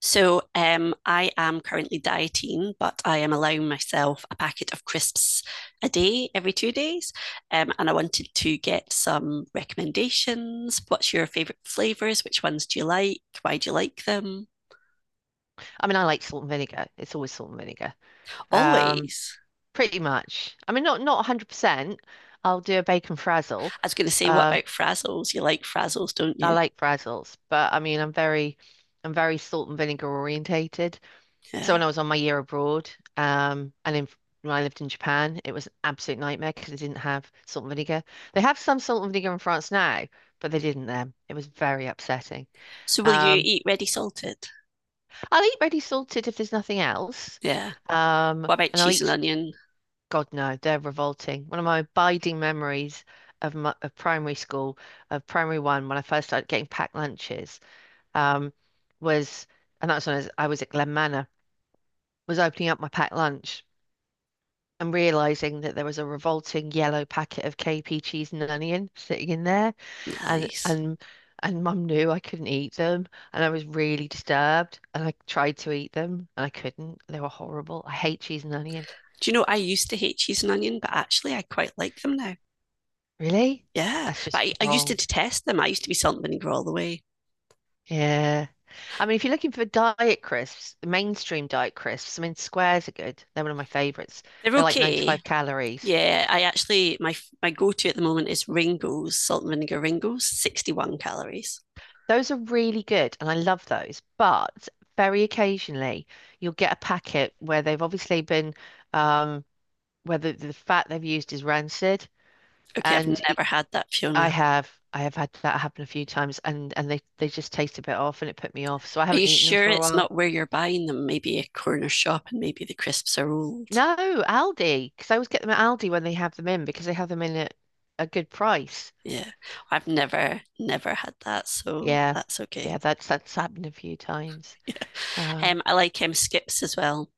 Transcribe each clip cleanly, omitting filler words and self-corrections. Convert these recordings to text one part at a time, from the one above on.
So I am currently dieting, but I am allowing myself a packet of crisps a day every 2 days. And I wanted to get some recommendations. What's your favourite flavours? Which ones do you like? Why do you like them? I mean, I like salt and vinegar. It's always salt and vinegar. Um, Always. pretty much. I mean, not 100%. I'll do a bacon frazzle. I was going to say, what Uh, about frazzles? You like frazzles, don't I you? like frazzles, but I mean, I'm very salt and vinegar orientated. So Yeah. when I was on my year abroad, and in when I lived in Japan, it was an absolute nightmare because they didn't have salt and vinegar. They have some salt and vinegar in France now, but they didn't then. It was very upsetting. So will you Um, eat ready salted? I'll eat ready salted if there's nothing else. Yeah. Um, What about and I'll cheese eat and onion? God, no, they're revolting. One of my abiding memories of primary school, of primary one, when I first started getting packed lunches, um, was, and that was when I was at Glen Manor, was opening up my packed lunch and realizing that there was a revolting yellow packet of KP cheese and onion sitting in there, and Nice. and Mum knew I couldn't eat them, and I was really disturbed, and I tried to eat them, and I couldn't. They were horrible. I hate cheese and onion. Do you know I used to hate cheese and onion, but actually I quite like them now. Really? Yeah, That's but just I used to wrong. detest them. I used to be salt and vinegar all the way. Yeah. I mean, if you're looking for diet crisps, mainstream diet crisps, I mean, squares are good. They're one of my favorites. They're They're like okay. 95 calories. Yeah, I actually my go-to at the moment is Ringos, salt and vinegar Ringos, 61 calories. Those are really good, and I love those. But very occasionally, you'll get a packet where they've obviously been, um, where the fat they've used is rancid, Okay, I've and it, never had that, Fiona. I have had that happen a few times, and and they just taste a bit off, and it put me off. So I Are you haven't eaten them sure for a it's while. not where you're buying them? Maybe a corner shop and maybe the crisps are old. No, Aldi, because I always get them at Aldi when they have them in because they have them in at a good price. Yeah. I've never had that, so Yeah, that's okay. yeah, that's that's happened a few times. Yeah. Uh, I like skips as well.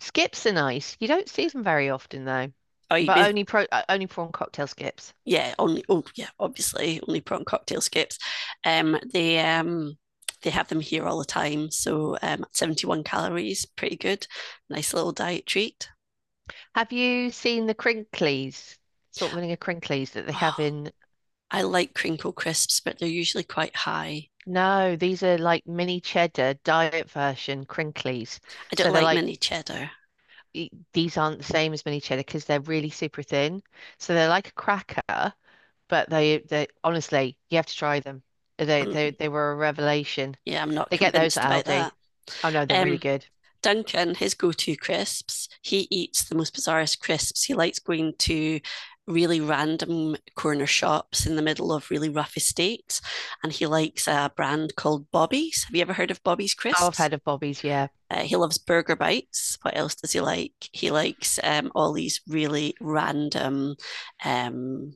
skips are nice. You don't see them very often though, Oh, you- but only prawn cocktail skips. yeah, only, oh yeah, obviously only prawn cocktail skips. They they have them here all the time. So, 71 calories, pretty good, nice little diet treat. Have you seen the crinklies, salt vinegar crinklies that they have Oh, in? I like crinkle crisps, but they're usually quite high. No, these are like mini cheddar diet version crinklies. I don't So they're like like mini cheddar. These aren't the same as mini cheddar because they're really super thin. So they're like a cracker, but they honestly, you have to try them. They Um, they they were a revelation. yeah, I'm not They get those convinced at about Aldi. that. Oh no, they're really Um, good. Duncan, his go to crisps, he eats the most bizarrest crisps. He likes going to really random corner shops in the middle of really rough estates. And he likes a brand called Bobby's. Have you ever heard of Bobby's Oh, I've Crisps? heard of Bobby's, yeah. He loves burger bites. What else does he like? He likes all these really random, um,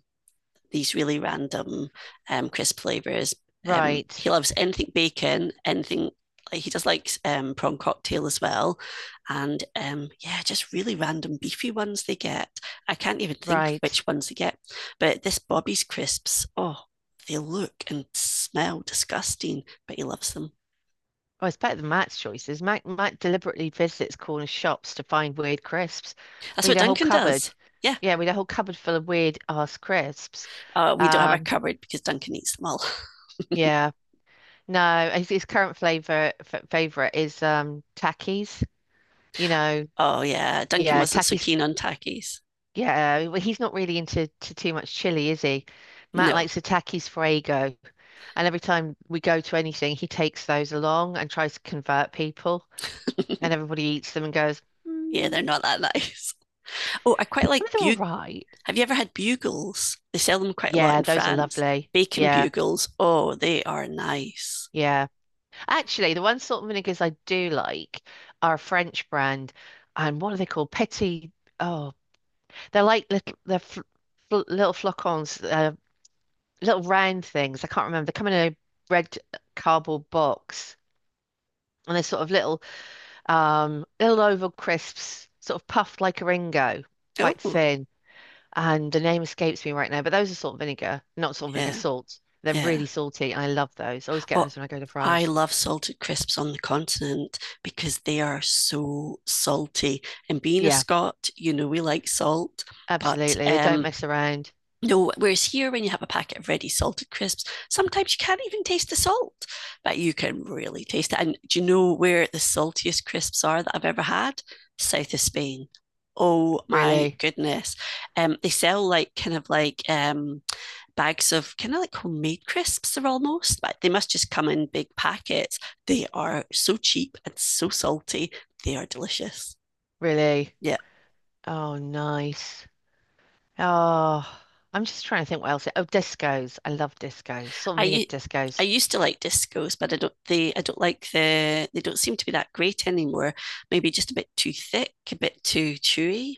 these really random crisp flavors. He Right, loves anything bacon, anything. Like, he just likes prawn cocktail as well, and, yeah, just really random beefy ones they get. I can't even think right. which ones they get, but this Bobby's crisps, oh, they look and smell disgusting, but he loves them. Oh, it's better than Matt's choices. Matt deliberately visits corner shops to find weird crisps. That's We what had a whole Duncan cupboard. does. Yeah, Yeah, we had a whole cupboard full of weird ass crisps. We don't have a Um, cupboard because Duncan eats them all. yeah. No, his current flavor f favorite is Takis. You know, Oh yeah, Duncan yeah, wasn't so Takis. keen on takis. Yeah, well, he's not really into to too much chili, is he? Matt No, likes the Takis Fuego, and every time we go to anything, he takes those along and tries to convert people, and everybody eats them and goes, yeah, mm, they're not that nice. Oh, I quite "Well, like they're all bug. right." Have you ever had bugles? They sell them quite a lot Yeah, in those are France. lovely. Bacon Yeah, bugles. Oh, they are nice. yeah. Actually, the one salt and vinegars I do like are a French brand, and what are they called? Petit. Oh, they're like little, they're fl fl little flocons, little round things. I can't remember. They come in a red cardboard box and they're sort of little little oval crisps, sort of puffed like a Ringo, quite Oh, thin. And the name escapes me right now, but those are salt and vinegar, not salt and vinegar, yeah, salt. They're yeah. really salty and I love those. I always get Oh, those when I go to I France. love salted crisps on the continent because they are so salty. And being a Yeah, Scot, we like salt, but absolutely. They don't mess around. no, whereas here, when you have a packet of ready salted crisps, sometimes you can't even taste the salt, but you can really taste it. And do you know where the saltiest crisps are that I've ever had? South of Spain. Oh my Really, goodness. They sell like kind of like bags of kind of like homemade crisps, they're almost, but they must just come in big packets. They are so cheap and so salty. They are delicious. really. Yeah. Oh, nice. Oh, I'm just trying to think what else. Oh, discos. I love discos. Salt and vinegar I discos. used to like discos, but I don't like they don't seem to be that great anymore. Maybe just a bit too thick, a bit too chewy.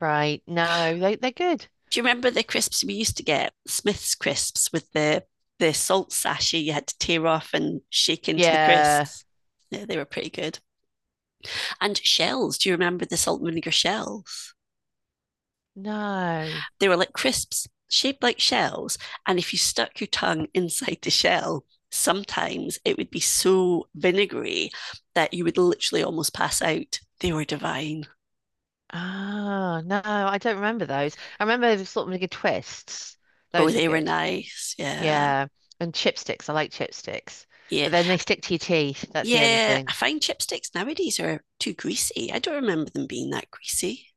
Right. No, they they're good. Do you remember the crisps we used to get? Smith's crisps with the salt sachet you had to tear off and shake into the Yeah. crisps. Yeah, they were pretty good. And shells. Do you remember the salt and vinegar shells? No. They were like crisps shaped like shells. And if you stuck your tongue inside the shell, sometimes it would be so vinegary that you would literally almost pass out. They were divine. Ah, no, I don't remember those. I remember the sort of like twists. Oh, Those were they were good. nice. Yeah. Yeah. And chipsticks. I like chipsticks. Yeah. But then they stick to your teeth. That's the only Yeah. I thing. find chipsticks nowadays are too greasy. I don't remember them being that greasy.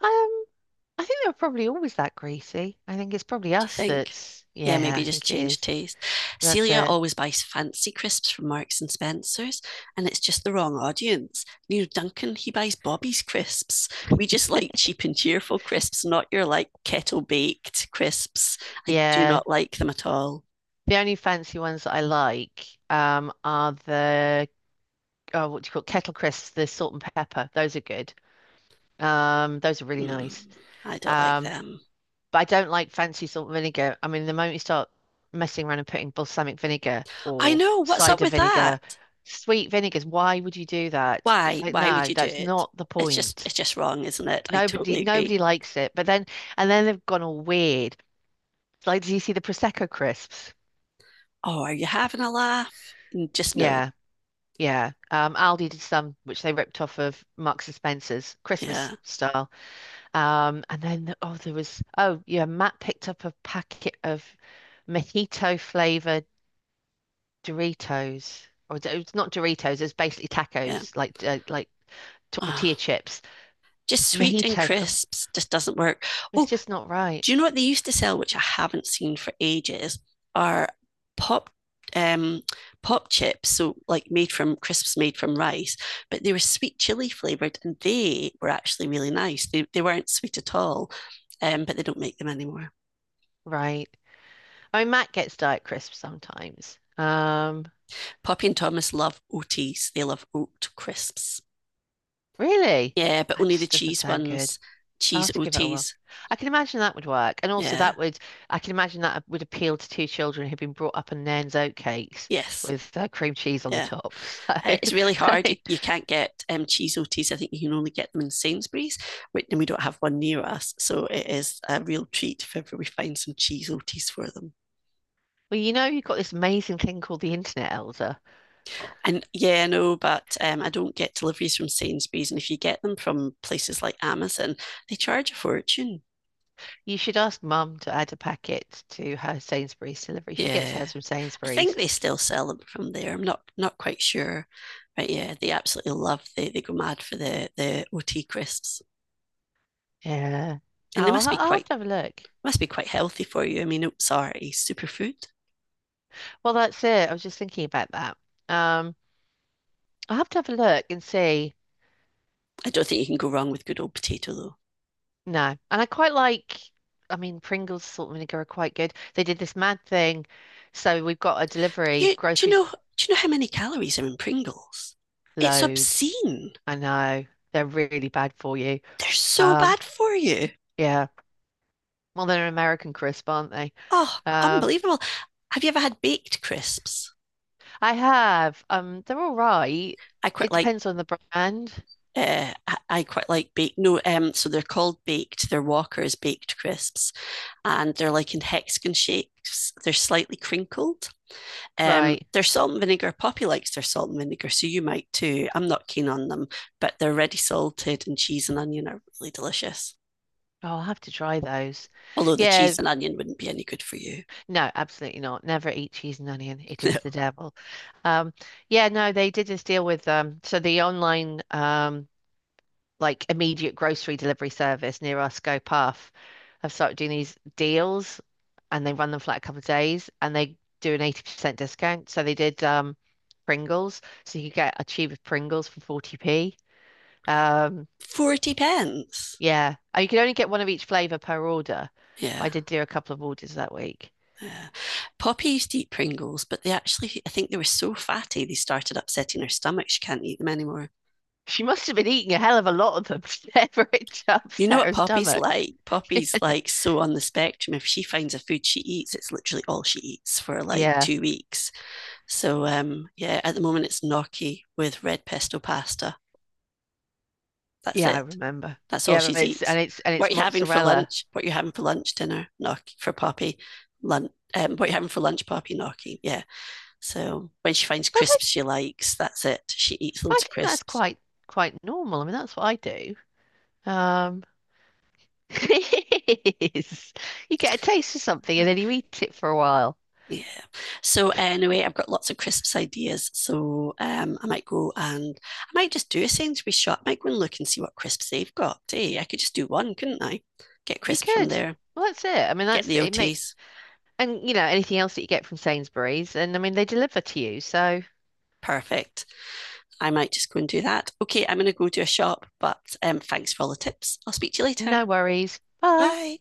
Um, I think they were probably always that greasy. I think it's probably Do you think? Yeah, yeah, maybe I just think it change is. taste. That's Celia it. always buys fancy crisps from Marks and Spencer's, and it's just the wrong audience. You know, Duncan, he buys Bobby's crisps. We just like cheap and cheerful crisps, not your like kettle baked crisps. I do Yeah. not like them at all. The only fancy ones that I like are the oh, what do you call it? Kettle crisps, the salt and pepper. Those are good. Those are really nice. Mm, I don't like Um, them. but I don't like fancy salt vinegar. I mean, the moment you start messing around and putting balsamic vinegar I or know. What's up cider with that? vinegar, sweet vinegars, why would you do that? It's Why? like, Why would no, you do that's it? not the It's just, point. it's just wrong, isn't it? I totally agree. Nobody likes it. But then, and then they've gone all weird. It's like, do you see the Prosecco crisps? Oh, are you having a laugh? Mm, just no. Yeah, yeah. Aldi did some, which they ripped off of Marks and Spencer's Christmas Yeah, style. And then the- oh, there was oh yeah, Matt picked up a packet of mojito flavored Doritos, or it's not Doritos, it's basically yeah. tacos, like tortilla Oh, chips. just sweet and Mojito, f- oh, crisps just doesn't work. it's Oh, just not right, do you know what they used to sell, which I haven't seen for ages, are pop um pop chips, so like made from crisps made from rice, but they were sweet chili flavored, and they were actually really nice. They weren't sweet at all, but they don't make them anymore. right? I mean, Matt gets Diet Crisp sometimes. Poppy and Thomas love oats. They love oat crisps. Really, Yeah, but that only the just doesn't cheese sound good. ones. I'll Cheese have to give it a whirl. oats. I can imagine that would work. And also Yeah. that would, I can imagine that would appeal to two children who've been brought up on Nairn's oatcakes Yes. with cream cheese on the Yeah, top. So, it's really hard. You can't get cheese OTs. I think you can only get them in Sainsbury's, and we don't have one near us. So it is a real treat if ever we find some cheese OTs for them. well, you know, you've got this amazing thing called the Internet Elsa. And yeah, I know, but, I don't get deliveries from Sainsbury's. And if you get them from places like Amazon, they charge a fortune. You should ask Mum to add a packet to her Sainsbury's delivery. She gets Yeah. hers from I think Sainsbury's. they still sell them from there. I'm not quite sure. But yeah, they absolutely love they go mad for the OT crisps. Yeah. And they must be I'll have quite to have a look. must be quite healthy for you. I mean, oats are a superfood. Well, that's it. I was just thinking about that. Um, I'll have to have a look and see. I don't think you can go wrong with good old potato though. No. And I quite like, I mean, Pringles salt vinegar are quite good. They did this mad thing. So we've got a delivery, You groceries do you know how many calories are in Pringles? It's loads. obscene. I know. They're really bad for you. They're so Um, bad for you. yeah. Well, they're an American crisp, aren't they? Oh, Um, unbelievable. Have you ever had baked crisps? I have. They're all right. I quite It like depends on the brand. I quite like baked. No, so they're called baked. They're Walker's baked crisps, and they're like in hexagon shapes. They're slightly crinkled. Right. There's salt and vinegar. Poppy likes their salt and vinegar, so you might too. I'm not keen on them, but they're ready salted, and cheese and onion are really delicious. Oh, I'll have to try those. Although the cheese Yeah, and onion wouldn't be any good for you. no, absolutely not. Never eat cheese and onion. It is the devil. Um, yeah, no, they did this deal with so the online like immediate grocery delivery service near our Scope Off have started doing these deals and they run them for like a couple of days and they do an 80% discount. So they did Pringles. So you could get a tube of Pringles for 40p. Um 40 pence. yeah. Oh, you could only get one of each flavour per order. Yeah. But I did do a couple of orders that week. Yeah. Poppy used to eat Pringles, but they actually, I think they were so fatty, they started upsetting her stomach. She can't eat them anymore. She must have been eating a hell of a lot of them to ever it You know upset what her Poppy's stomach. like? Poppy's like so on the spectrum. If she finds a food she eats, it's literally all she eats for like Yeah. 2 weeks. So, yeah, at the moment it's gnocchi with red pesto pasta. That's Yeah, I it. remember. That's all Yeah, she but it's eats. and it's and What it's are you having for mozzarella. lunch? What are you having for lunch, dinner? Gnocchi for Poppy. Lunch. What are you having for lunch, Poppy? Gnocchi. Yeah. So when she finds But I crisps she likes, that's it. She eats But I loads of think that's crisps. Quite normal. I mean, that's what I do. Um, it is you get a taste of something and then you eat it for a while. Yeah. So anyway, I've got lots of crisps ideas. So, I might go and I might just do a Sainsbury's shop. I might go and look and see what crisps they've got. Hey, I could just do one, couldn't I? Get You crisps from could. there. Well, that's it. I mean, Get that's the it. May, OTs. and you know anything else that you get from Sainsbury's, and I mean they deliver to you, so Perfect. I might just go and do that. Okay, I'm going to go to a shop, but, thanks for all the tips. I'll speak to you later. no worries. Bye. Bye.